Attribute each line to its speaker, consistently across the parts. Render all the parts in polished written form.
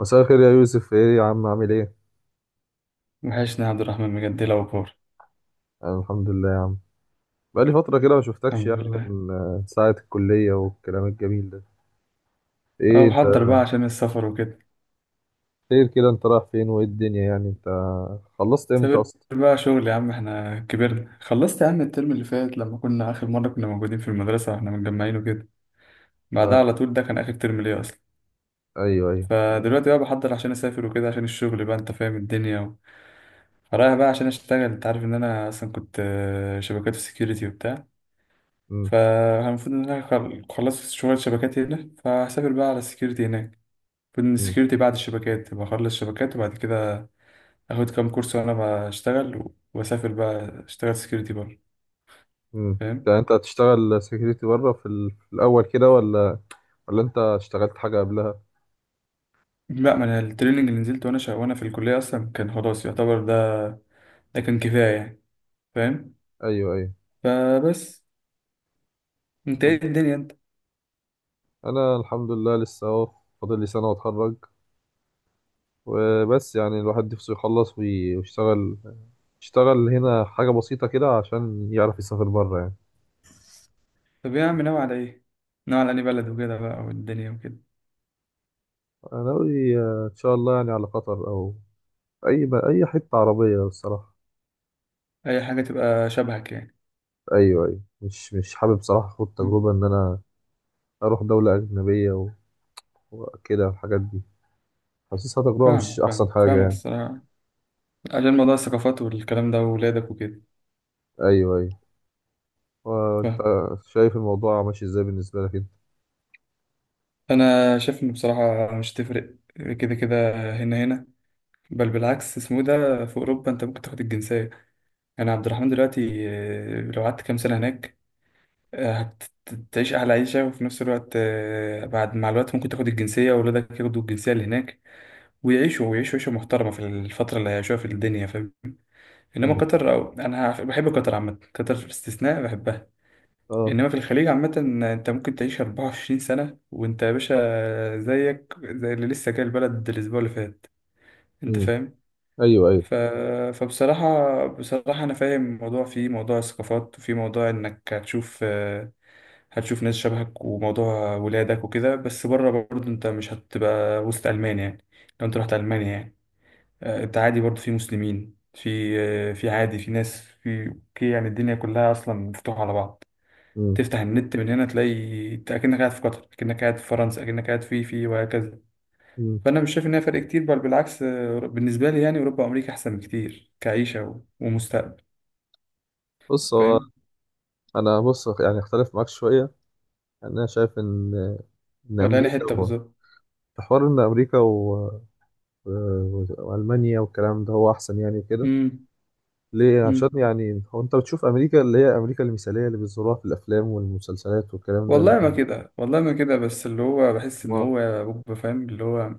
Speaker 1: مساء الخير يا يوسف. ايه يا عم، عامل ايه؟
Speaker 2: وحشني يا عبد الرحمن، بجد لو كور.
Speaker 1: انا الحمد لله يا عم. بقالي فترة كده ما شفتكش
Speaker 2: الحمد
Speaker 1: يعني.
Speaker 2: لله.
Speaker 1: من ساعة الكلية والكلام الجميل ده.
Speaker 2: أه،
Speaker 1: ايه انت،
Speaker 2: بحضر بقى عشان السفر وكده.
Speaker 1: خير كده؟ انت رايح فين وايه الدنيا يعني؟ انت خلصت امتى
Speaker 2: سافر
Speaker 1: اصلا؟
Speaker 2: بقى شغل يا عم، احنا كبرنا. خلصت يا عم الترم اللي فات لما كنا آخر مرة كنا موجودين في المدرسة واحنا متجمعين وكده. بعدها
Speaker 1: آه.
Speaker 2: على طول ده كان آخر ترم ليا أصلا.
Speaker 1: ايوه ايوه.
Speaker 2: فدلوقتي بقى بحضر عشان أسافر وكده، عشان الشغل بقى، أنت فاهم الدنيا فرايح بقى عشان أشتغل. أنت عارف إن أنا أصلا كنت شبكات وسكيورتي وبتاع.
Speaker 1: امم
Speaker 2: فالمفروض إن أنا خلصت شغل الشبكات هنا، فهسافر بقى على السكيورتي هناك. المفروض إن
Speaker 1: امم
Speaker 2: السكيورتي بعد الشبكات، بخلص شبكات وبعد كده اخد كام كورس وانا بشتغل واسافر بقى اشتغل سكيورتي بره.
Speaker 1: امم
Speaker 2: فاهم.
Speaker 1: ده انت هتشتغل سكيورتي بره في، في الاول كده، ولا ولا انت اشتغلت حاجة قبلها؟
Speaker 2: لا، ما انا التريننج اللي نزلته وانا وانا في الكليه اصلا كان خلاص يعتبر ده. ده كان كفايه يعني. فاهم.
Speaker 1: ايوه ايوه.
Speaker 2: فبس. انت
Speaker 1: طب
Speaker 2: ايه الدنيا انت؟
Speaker 1: انا الحمد لله لسه اهو، فاضل لي سنة واتخرج وبس. يعني الواحد نفسه يخلص ويشتغل، يشتغل هنا حاجة بسيطة كده عشان يعرف يسافر بره يعني.
Speaker 2: طب ايه يا عم، ناوي على ايه؟ ناوي على انهي بلد وكده بقى والدنيا وكده.
Speaker 1: أنا ناوي إن شاء الله يعني على قطر، أو أي أي حتة عربية الصراحة.
Speaker 2: اي حاجه تبقى شبهك يعني.
Speaker 1: أيوه أيوه، مش حابب صراحة أخد
Speaker 2: مم.
Speaker 1: تجربة إن أنا أروح دولة أجنبية وكده الحاجات دي. حاسسها تجربة مش
Speaker 2: فاهمك فاهم
Speaker 1: أحسن حاجة
Speaker 2: فاهمك
Speaker 1: يعني.
Speaker 2: الصراحه. عشان موضوع الثقافات والكلام ده وولادك وكده.
Speaker 1: أيوه أيوه. وأنت
Speaker 2: فاهم.
Speaker 1: شايف الموضوع ماشي إزاي بالنسبة لك أنت؟
Speaker 2: انا شايف ان بصراحه مش تفرق. كده كده. هنا هنا. بل بالعكس، اسمه إيه ده، في اوروبا انت ممكن تاخد الجنسيه. يعني عبد الرحمن دلوقتي، لو قعدت كام سنه هناك، آه، هتعيش احلى عيشه، وفي نفس الوقت بعد مع الوقت ممكن تاخد الجنسيه واولادك ياخدوا الجنسيه اللي هناك، ويعيشوا ويعيشوا عيشه محترمه في الفتره اللي هيعيشوها في الدنيا. فاهم. انما
Speaker 1: مم.
Speaker 2: قطر، أو انا بحب قطر عامه، قطر استثناء بحبها.
Speaker 1: أه.
Speaker 2: انما في الخليج عامه، انت ممكن تعيش 24 سنه وانت يا باشا زيك زي اللي لسه جاي البلد الاسبوع اللي فات. انت
Speaker 1: مم.
Speaker 2: فاهم؟
Speaker 1: أيوه أيوه.
Speaker 2: ف... فبصراحة بصراحة أنا فاهم موضوع، فيه موضوع الثقافات، وفي موضوع إنك هتشوف هتشوف ناس شبهك، وموضوع ولادك وكده. بس بره برضه أنت مش هتبقى وسط ألمانيا، يعني لو أنت رحت ألمانيا يعني. أنت عادي برضه في مسلمين في، في عادي، في ناس، في أوكي. يعني الدنيا كلها أصلا مفتوحة على بعض.
Speaker 1: مم.
Speaker 2: تفتح النت من هنا تلاقي أنت أكنك قاعد في قطر، أكنك قاعد في فرنسا، أكنك قاعد في في وهكذا.
Speaker 1: مم.
Speaker 2: فانا مش شايف ان هي فرق كتير، بل بالعكس، بالنسبه لي يعني اوروبا وامريكا احسن بكتير كعيشه ومستقبل.
Speaker 1: بص هو،
Speaker 2: فاهم.
Speaker 1: أنا بص يعني أختلف معاك شوية. انا شايف ان ان
Speaker 2: خلاني
Speaker 1: امريكا
Speaker 2: حته
Speaker 1: هو،
Speaker 2: بالظبط.
Speaker 1: في حوار ان امريكا والمانيا والكلام ده هو احسن يعني وكده.
Speaker 2: امم
Speaker 1: ليه؟ عشان
Speaker 2: امم
Speaker 1: يعني هو انت بتشوف امريكا اللي هي امريكا المثاليه اللي بيصوروها في الافلام والمسلسلات والكلام ده اللي
Speaker 2: والله ما
Speaker 1: هي.
Speaker 2: كده، والله ما كده، بس اللي هو بحس ان
Speaker 1: ما
Speaker 2: هو يا بوب، فاهم اللي هو،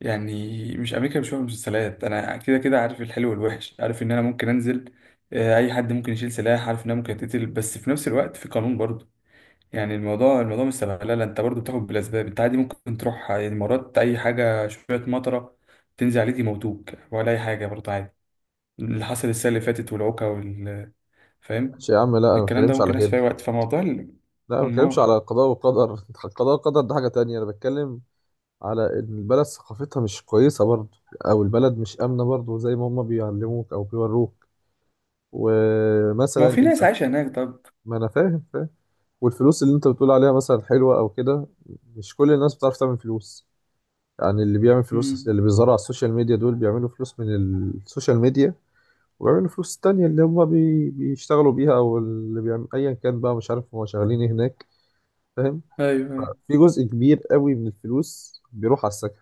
Speaker 2: يعني مش امريكا مش مسلسلات. انا كده كده عارف الحلو والوحش، عارف ان انا ممكن انزل. اي حد ممكن يشيل سلاح، عارف ان انا ممكن اتقتل، بس في نفس الوقت في قانون برضه. يعني الموضوع مش سبهلله، انت برضو بتاخد بالاسباب، انت عادي ممكن تروح، يعني مرات اي حاجه شويه مطره تنزل عليك يموتوك ولا اي حاجه برضو عادي. اللي حصل السنه اللي فاتت والعوكه وال. فاهم.
Speaker 1: ماشي يا عم، لا انا ما
Speaker 2: الكلام ده
Speaker 1: بتكلمش
Speaker 2: ممكن
Speaker 1: على
Speaker 2: يحصل في
Speaker 1: كده.
Speaker 2: اي وقت، فموضوع
Speaker 1: لا ما بتكلمش
Speaker 2: ما
Speaker 1: على قضاء وقدر قضاء وقدر ده حاجه تانية. انا بتكلم على ان البلد ثقافتها مش كويسه برضه، او البلد مش امنه برضه زي ما هم بيعلموك او بيوروك.
Speaker 2: ما هو
Speaker 1: ومثلا
Speaker 2: في ناس عايشه هناك، طب.
Speaker 1: ما انا فاهم فاهم. والفلوس اللي انت بتقول عليها مثلا حلوة او كده، مش كل الناس بتعرف تعمل فلوس. يعني اللي بيعمل فلوس
Speaker 2: امم.
Speaker 1: اللي بيظهروا على السوشيال ميديا دول بيعملوا فلوس من السوشيال ميديا، وبيعملوا فلوس تانية اللي هم بيشتغلوا بيها، او اللي بيعمل ايا كان بقى، مش عارف هم شغالين ايه هناك. فاهم؟
Speaker 2: ايوه ايوه.
Speaker 1: في جزء كبير قوي من الفلوس بيروح على السكن.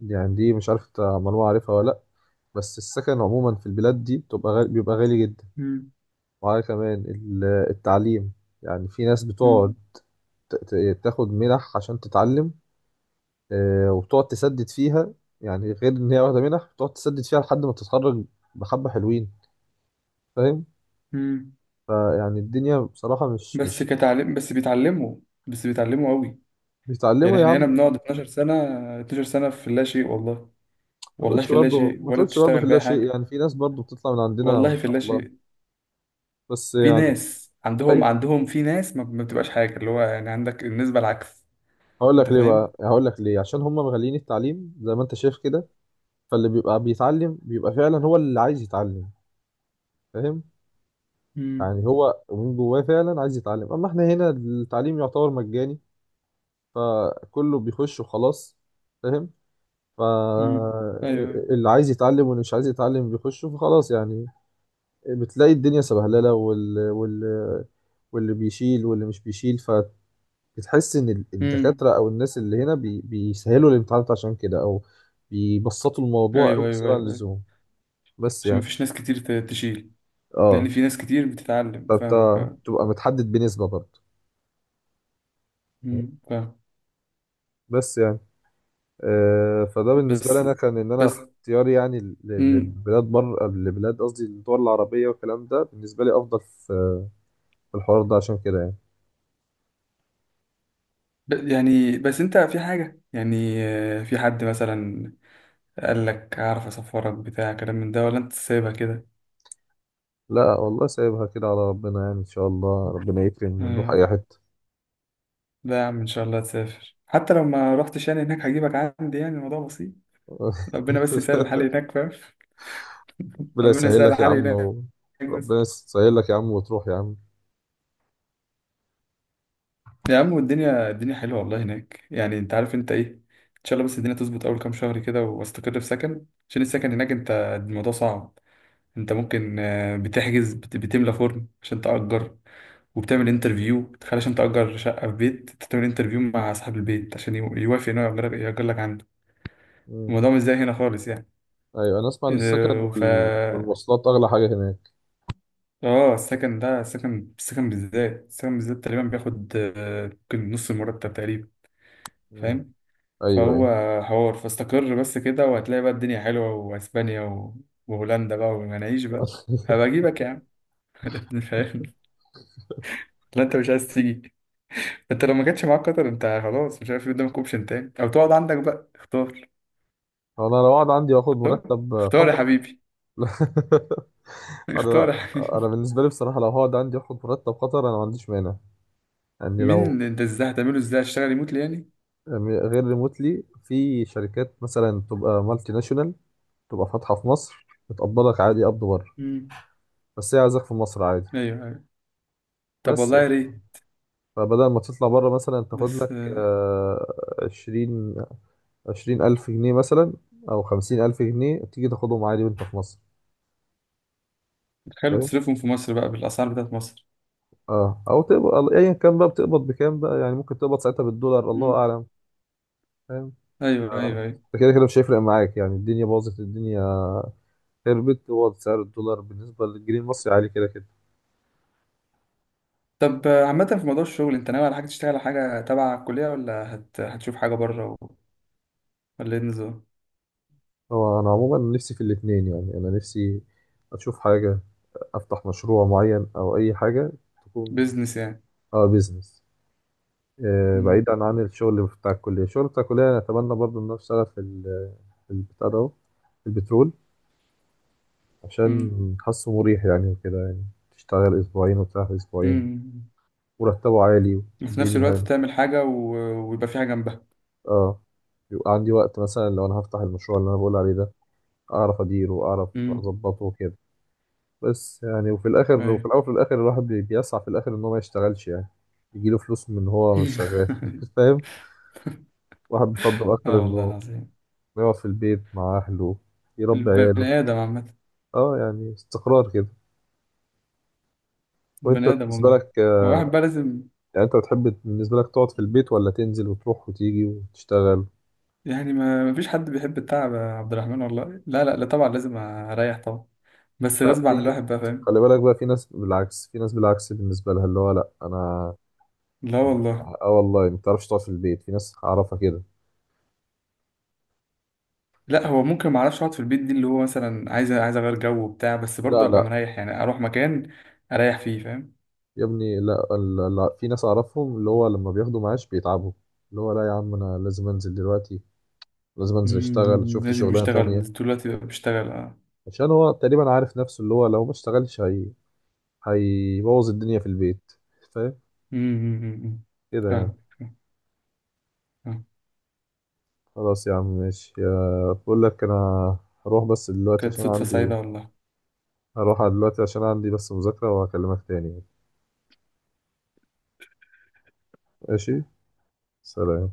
Speaker 1: يعني دي مش عارف انت معلومة عارفها ولا لأ، بس السكن عموما في البلاد دي بتبقى غالي، بيبقى غالي جدا.
Speaker 2: امم.
Speaker 1: وعلى كمان التعليم. يعني في ناس بتقعد
Speaker 2: امم.
Speaker 1: تاخد منح عشان تتعلم، وبتقعد تسدد فيها. يعني غير ان هي واخده منح بتقعد تسدد فيها لحد ما تتخرج. بحبه حلوين. فاهم؟
Speaker 2: امم.
Speaker 1: فيعني الدنيا بصراحه مش
Speaker 2: بس
Speaker 1: مش
Speaker 2: كتعليم، بس بيتعلموا، بس بيتعلموا قوي. يعني
Speaker 1: بيتعلموا يا
Speaker 2: احنا هنا
Speaker 1: عم.
Speaker 2: بنقعد 12 سنه، 12 سنه في اللا شيء والله.
Speaker 1: ما
Speaker 2: والله في
Speaker 1: تقولش
Speaker 2: اللا
Speaker 1: برضه،
Speaker 2: شيء،
Speaker 1: ما
Speaker 2: ولا
Speaker 1: تقولش برضه
Speaker 2: بتشتغل
Speaker 1: في الله
Speaker 2: باي
Speaker 1: شيء.
Speaker 2: حاجه.
Speaker 1: يعني في ناس برضه بتطلع من عندنا ما
Speaker 2: والله في
Speaker 1: شاء الله.
Speaker 2: اللاشيء.
Speaker 1: بس
Speaker 2: في
Speaker 1: يعني.
Speaker 2: ناس عندهم
Speaker 1: ايوه،
Speaker 2: عندهم في ناس ما بتبقاش حاجة، اللي هو يعني عندك النسبة العكس.
Speaker 1: هقول
Speaker 2: انت
Speaker 1: لك ليه بقى،
Speaker 2: فاهم؟
Speaker 1: هقول لك ليه. عشان هم مغالين التعليم زي ما انت شايف كده. فاللي بيبقى بيتعلم بيبقى فعلا هو اللي عايز يتعلم. فاهم؟
Speaker 2: امم.
Speaker 1: يعني هو من جواه فعلا عايز يتعلم. اما احنا هنا التعليم يعتبر مجاني، فكله بيخش وخلاص. فاهم؟
Speaker 2: امم. ايوه ايوه.
Speaker 1: فاللي عايز يتعلم واللي مش عايز يتعلم بيخش وخلاص يعني. بتلاقي الدنيا سبهلله واللي بيشيل واللي مش بيشيل. فبتحس ان
Speaker 2: امم.
Speaker 1: الدكاتره او الناس اللي هنا بيسهلوا الامتحانات عشان كده، او بيبسطوا
Speaker 2: ايوه
Speaker 1: الموضوع قوي
Speaker 2: ايوه ايوه
Speaker 1: زياده عن
Speaker 2: ايوه أيوة.
Speaker 1: اللزوم. بس
Speaker 2: عشان ما
Speaker 1: يعني.
Speaker 2: فيش ناس كتير تشيل. لان
Speaker 1: اه،
Speaker 2: في ناس كتير بتتعلم.
Speaker 1: فانت
Speaker 2: فاهمك. اه.
Speaker 1: بتبقى متحدد بنسبه برضه.
Speaker 2: امم. فاهم.
Speaker 1: بس يعني فده بالنسبة لي
Speaker 2: بس.
Speaker 1: أنا، كان إن أنا
Speaker 2: بس.
Speaker 1: اختياري يعني
Speaker 2: امم.
Speaker 1: للبلاد بره، لبلاد قصدي الدول العربية، والكلام ده بالنسبة لي أفضل في، في الحوار ده عشان كده يعني.
Speaker 2: يعني بس انت في حاجه يعني، في حد مثلا قال لك هعرف اسفرك بتاع كلام من ده، ولا انت سايبها كده؟
Speaker 1: لا والله سايبها كده على ربنا يعني. إن شاء الله ربنا يكرم ونروح
Speaker 2: ايوه.
Speaker 1: أي حتة.
Speaker 2: لا يا عم، ان شاء الله تسافر. حتى لو ما رحتش يعني هناك هجيبك عندي، يعني الموضوع بسيط. ربنا بس يسهل الحال هناك، فاهم.
Speaker 1: ربنا
Speaker 2: ربنا
Speaker 1: يسهل
Speaker 2: يسهل
Speaker 1: لك يا
Speaker 2: الحال
Speaker 1: عم
Speaker 2: هناك. بس.
Speaker 1: ربنا يسهل لك يا عم وتروح يا عم.
Speaker 2: يا عم والدنيا الدنيا حلوه والله هناك، يعني انت عارف انت ايه. ان شاء الله بس الدنيا تظبط اول كام شهر كده، واستقر في سكن، عشان السكن هناك انت الموضوع صعب. انت ممكن بتحجز، بتملى فورم عشان تأجر، وبتعمل انترفيو، تخيل، عشان تأجر شقة في بيت، انت تعمل انترفيو مع صاحب البيت عشان يوافق انه يأجر يأجر لك عنده.
Speaker 1: مم.
Speaker 2: الموضوع مش زي هنا خالص يعني.
Speaker 1: أيوة أنا أسمع إن السكن
Speaker 2: ف
Speaker 1: والمواصلات أغلى حاجة هناك.
Speaker 2: اه، السكن ده، السكن بالذات تقريبا بياخد، ممكن نص المرتب تقريبا.
Speaker 1: مم.
Speaker 2: فاهم.
Speaker 1: أيوة
Speaker 2: فهو
Speaker 1: أيوة.
Speaker 2: حوار، فاستقر بس كده وهتلاقي بقى الدنيا حلوة، واسبانيا وهولندا بقى، ومناعيش بقى. هبقى اجيبك يا عم. فاهم. لا انت مش عايز تيجي. انت لو ما كانش معاك قطر، انت خلاص مش عارف إيه قدامك اوبشن تاني، او تقعد عندك بقى اختار.
Speaker 1: أنا لو قعد عندي وآخد
Speaker 2: اختار.
Speaker 1: مرتب
Speaker 2: اختار يا
Speaker 1: قطر.
Speaker 2: حبيبي. اختار
Speaker 1: انا،
Speaker 2: يا حبيبي.
Speaker 1: انا بالنسبه لي بصراحه لو هقعد عندي اخد مرتب خطر انا ما عنديش مانع. يعني لو،
Speaker 2: مين انت؟ ازاي هتعمله؟ ازاي هتشتغل ريموتلي يعني؟
Speaker 1: يعني غير ريموتلي، في شركات مثلا تبقى مالتي ناشونال تبقى فاتحه في مصر، بتقبضك عادي قبض بره،
Speaker 2: مم.
Speaker 1: بس هي عايزاك في مصر عادي.
Speaker 2: ايوه ايوه. طب
Speaker 1: بس
Speaker 2: والله يا ريت.
Speaker 1: فبدل ما تطلع بره مثلا، تاخد
Speaker 2: بس.
Speaker 1: لك عشرين 20 ألف جنيه مثلا، أو 50 ألف جنيه تيجي تاخدهم عادي وأنت في مصر.
Speaker 2: خلوا
Speaker 1: فاهم؟
Speaker 2: تصرفهم في مصر بقى بالاسعار بتاعت مصر.
Speaker 1: اه، أو تقبض أيا كان بقى، بتقبض بكام بقى يعني؟ ممكن تقبض ساعتها بالدولار الله
Speaker 2: مم.
Speaker 1: أعلم.
Speaker 2: ايوه ايوه
Speaker 1: اه،
Speaker 2: ايوه.
Speaker 1: كده كده مش هيفرق معاك يعني، الدنيا باظت، الدنيا خربت. هو سعر الدولار بالنسبة للجنيه المصري عالي كده كده.
Speaker 2: طب عامة في موضوع الشغل، انت ناوي على حاجة تشتغل على حاجة تبع الكلية، ولا هتشوف حاجة بره ولا ايه النظام؟
Speaker 1: هو أنا عموما نفسي في الاتنين، يعني أنا نفسي أشوف حاجة، أفتح مشروع معين أو أي حاجة تكون.
Speaker 2: بيزنس يعني.
Speaker 1: اه، بيزنس. آه،
Speaker 2: مم.
Speaker 1: بعيدا عن الشغل بتاع الكلية. الشغل بتاع الكلية أنا أتمنى برضه إن أنا أشتغل في في البتاع ده أهو، في البترول. عشان
Speaker 2: مم.
Speaker 1: حاسه مريح يعني وكده يعني، تشتغل 2 أسابيع وتريح 2 أسابيع،
Speaker 2: مم.
Speaker 1: مرتبه عالي
Speaker 2: وفي نفس الوقت
Speaker 1: والدنيا.
Speaker 2: تعمل حاجة ويبقى في حاجة جنبها.
Speaker 1: اه، يبقى عندي وقت مثلا لو انا هفتح المشروع اللي انا بقول عليه ده، اعرف اديره واعرف
Speaker 2: مم.
Speaker 1: اظبطه وكده. بس يعني وفي الاخر، وفي
Speaker 2: ايوه.
Speaker 1: الاول وفي الاخر الواحد بيسعى في الاخر ان هو ما يشتغلش يعني، يجيله فلوس من ان هو مش شغال فاهم؟ واحد بيفضل اكتر
Speaker 2: اه والله
Speaker 1: انه
Speaker 2: العظيم.
Speaker 1: يقعد في البيت مع اهله، يربي عياله.
Speaker 2: البني آدم عامة.
Speaker 1: اه، يعني استقرار كده. وانت
Speaker 2: البني آدم
Speaker 1: بالنسبه
Speaker 2: والله.
Speaker 1: لك
Speaker 2: هو واحد بقى لازم
Speaker 1: يعني انت بتحب بالنسبه لك تقعد في البيت، ولا تنزل وتروح وتيجي وتشتغل؟
Speaker 2: يعني. ما فيش حد بيحب التعب يا عبد الرحمن والله. لا لا لا طبعا لازم اريح طبعا، بس
Speaker 1: لا،
Speaker 2: غصب
Speaker 1: في،
Speaker 2: عن الواحد بقى، فاهم.
Speaker 1: خلي بالك بقى، في ناس بالعكس، في ناس بالعكس بالنسبه لها اللي هو، لا انا.
Speaker 2: لا والله.
Speaker 1: اه والله ما تعرفش تقعد في البيت، في ناس اعرفها كده.
Speaker 2: لا هو ممكن ما اعرفش اقعد في البيت، دي اللي هو مثلا عايز عايز اغير جو وبتاع، بس برضه
Speaker 1: لا
Speaker 2: ابقى
Speaker 1: لا،
Speaker 2: مريح يعني اروح مكان اريح فيه، فاهم.
Speaker 1: يا ابني لا، لا، لا، في ناس اعرفهم اللي هو لما بياخدوا معاش بيتعبوا. اللي هو لا يا عم، انا لازم انزل دلوقتي، لازم انزل اشتغل،
Speaker 2: مم،
Speaker 1: شوف لي
Speaker 2: لازم
Speaker 1: شغلانه
Speaker 2: اشتغل
Speaker 1: تانية.
Speaker 2: طول الوقت يبقى بشتغل، اه.
Speaker 1: عشان هو تقريبا عارف نفسه اللي هو لو ما اشتغلش هي هيبوظ الدنيا في البيت. فاهم؟
Speaker 2: مم، مم، مم، مم.
Speaker 1: كده يعني.
Speaker 2: فاهم. فاهم. آه.
Speaker 1: خلاص يا عم ماشي، بقول لك انا هروح بس دلوقتي
Speaker 2: كانت
Speaker 1: عشان
Speaker 2: صدفة
Speaker 1: عندي،
Speaker 2: سعيدة والله.
Speaker 1: هروح دلوقتي عشان عندي بس مذاكره، وهكلمك تاني. ماشي. سلام.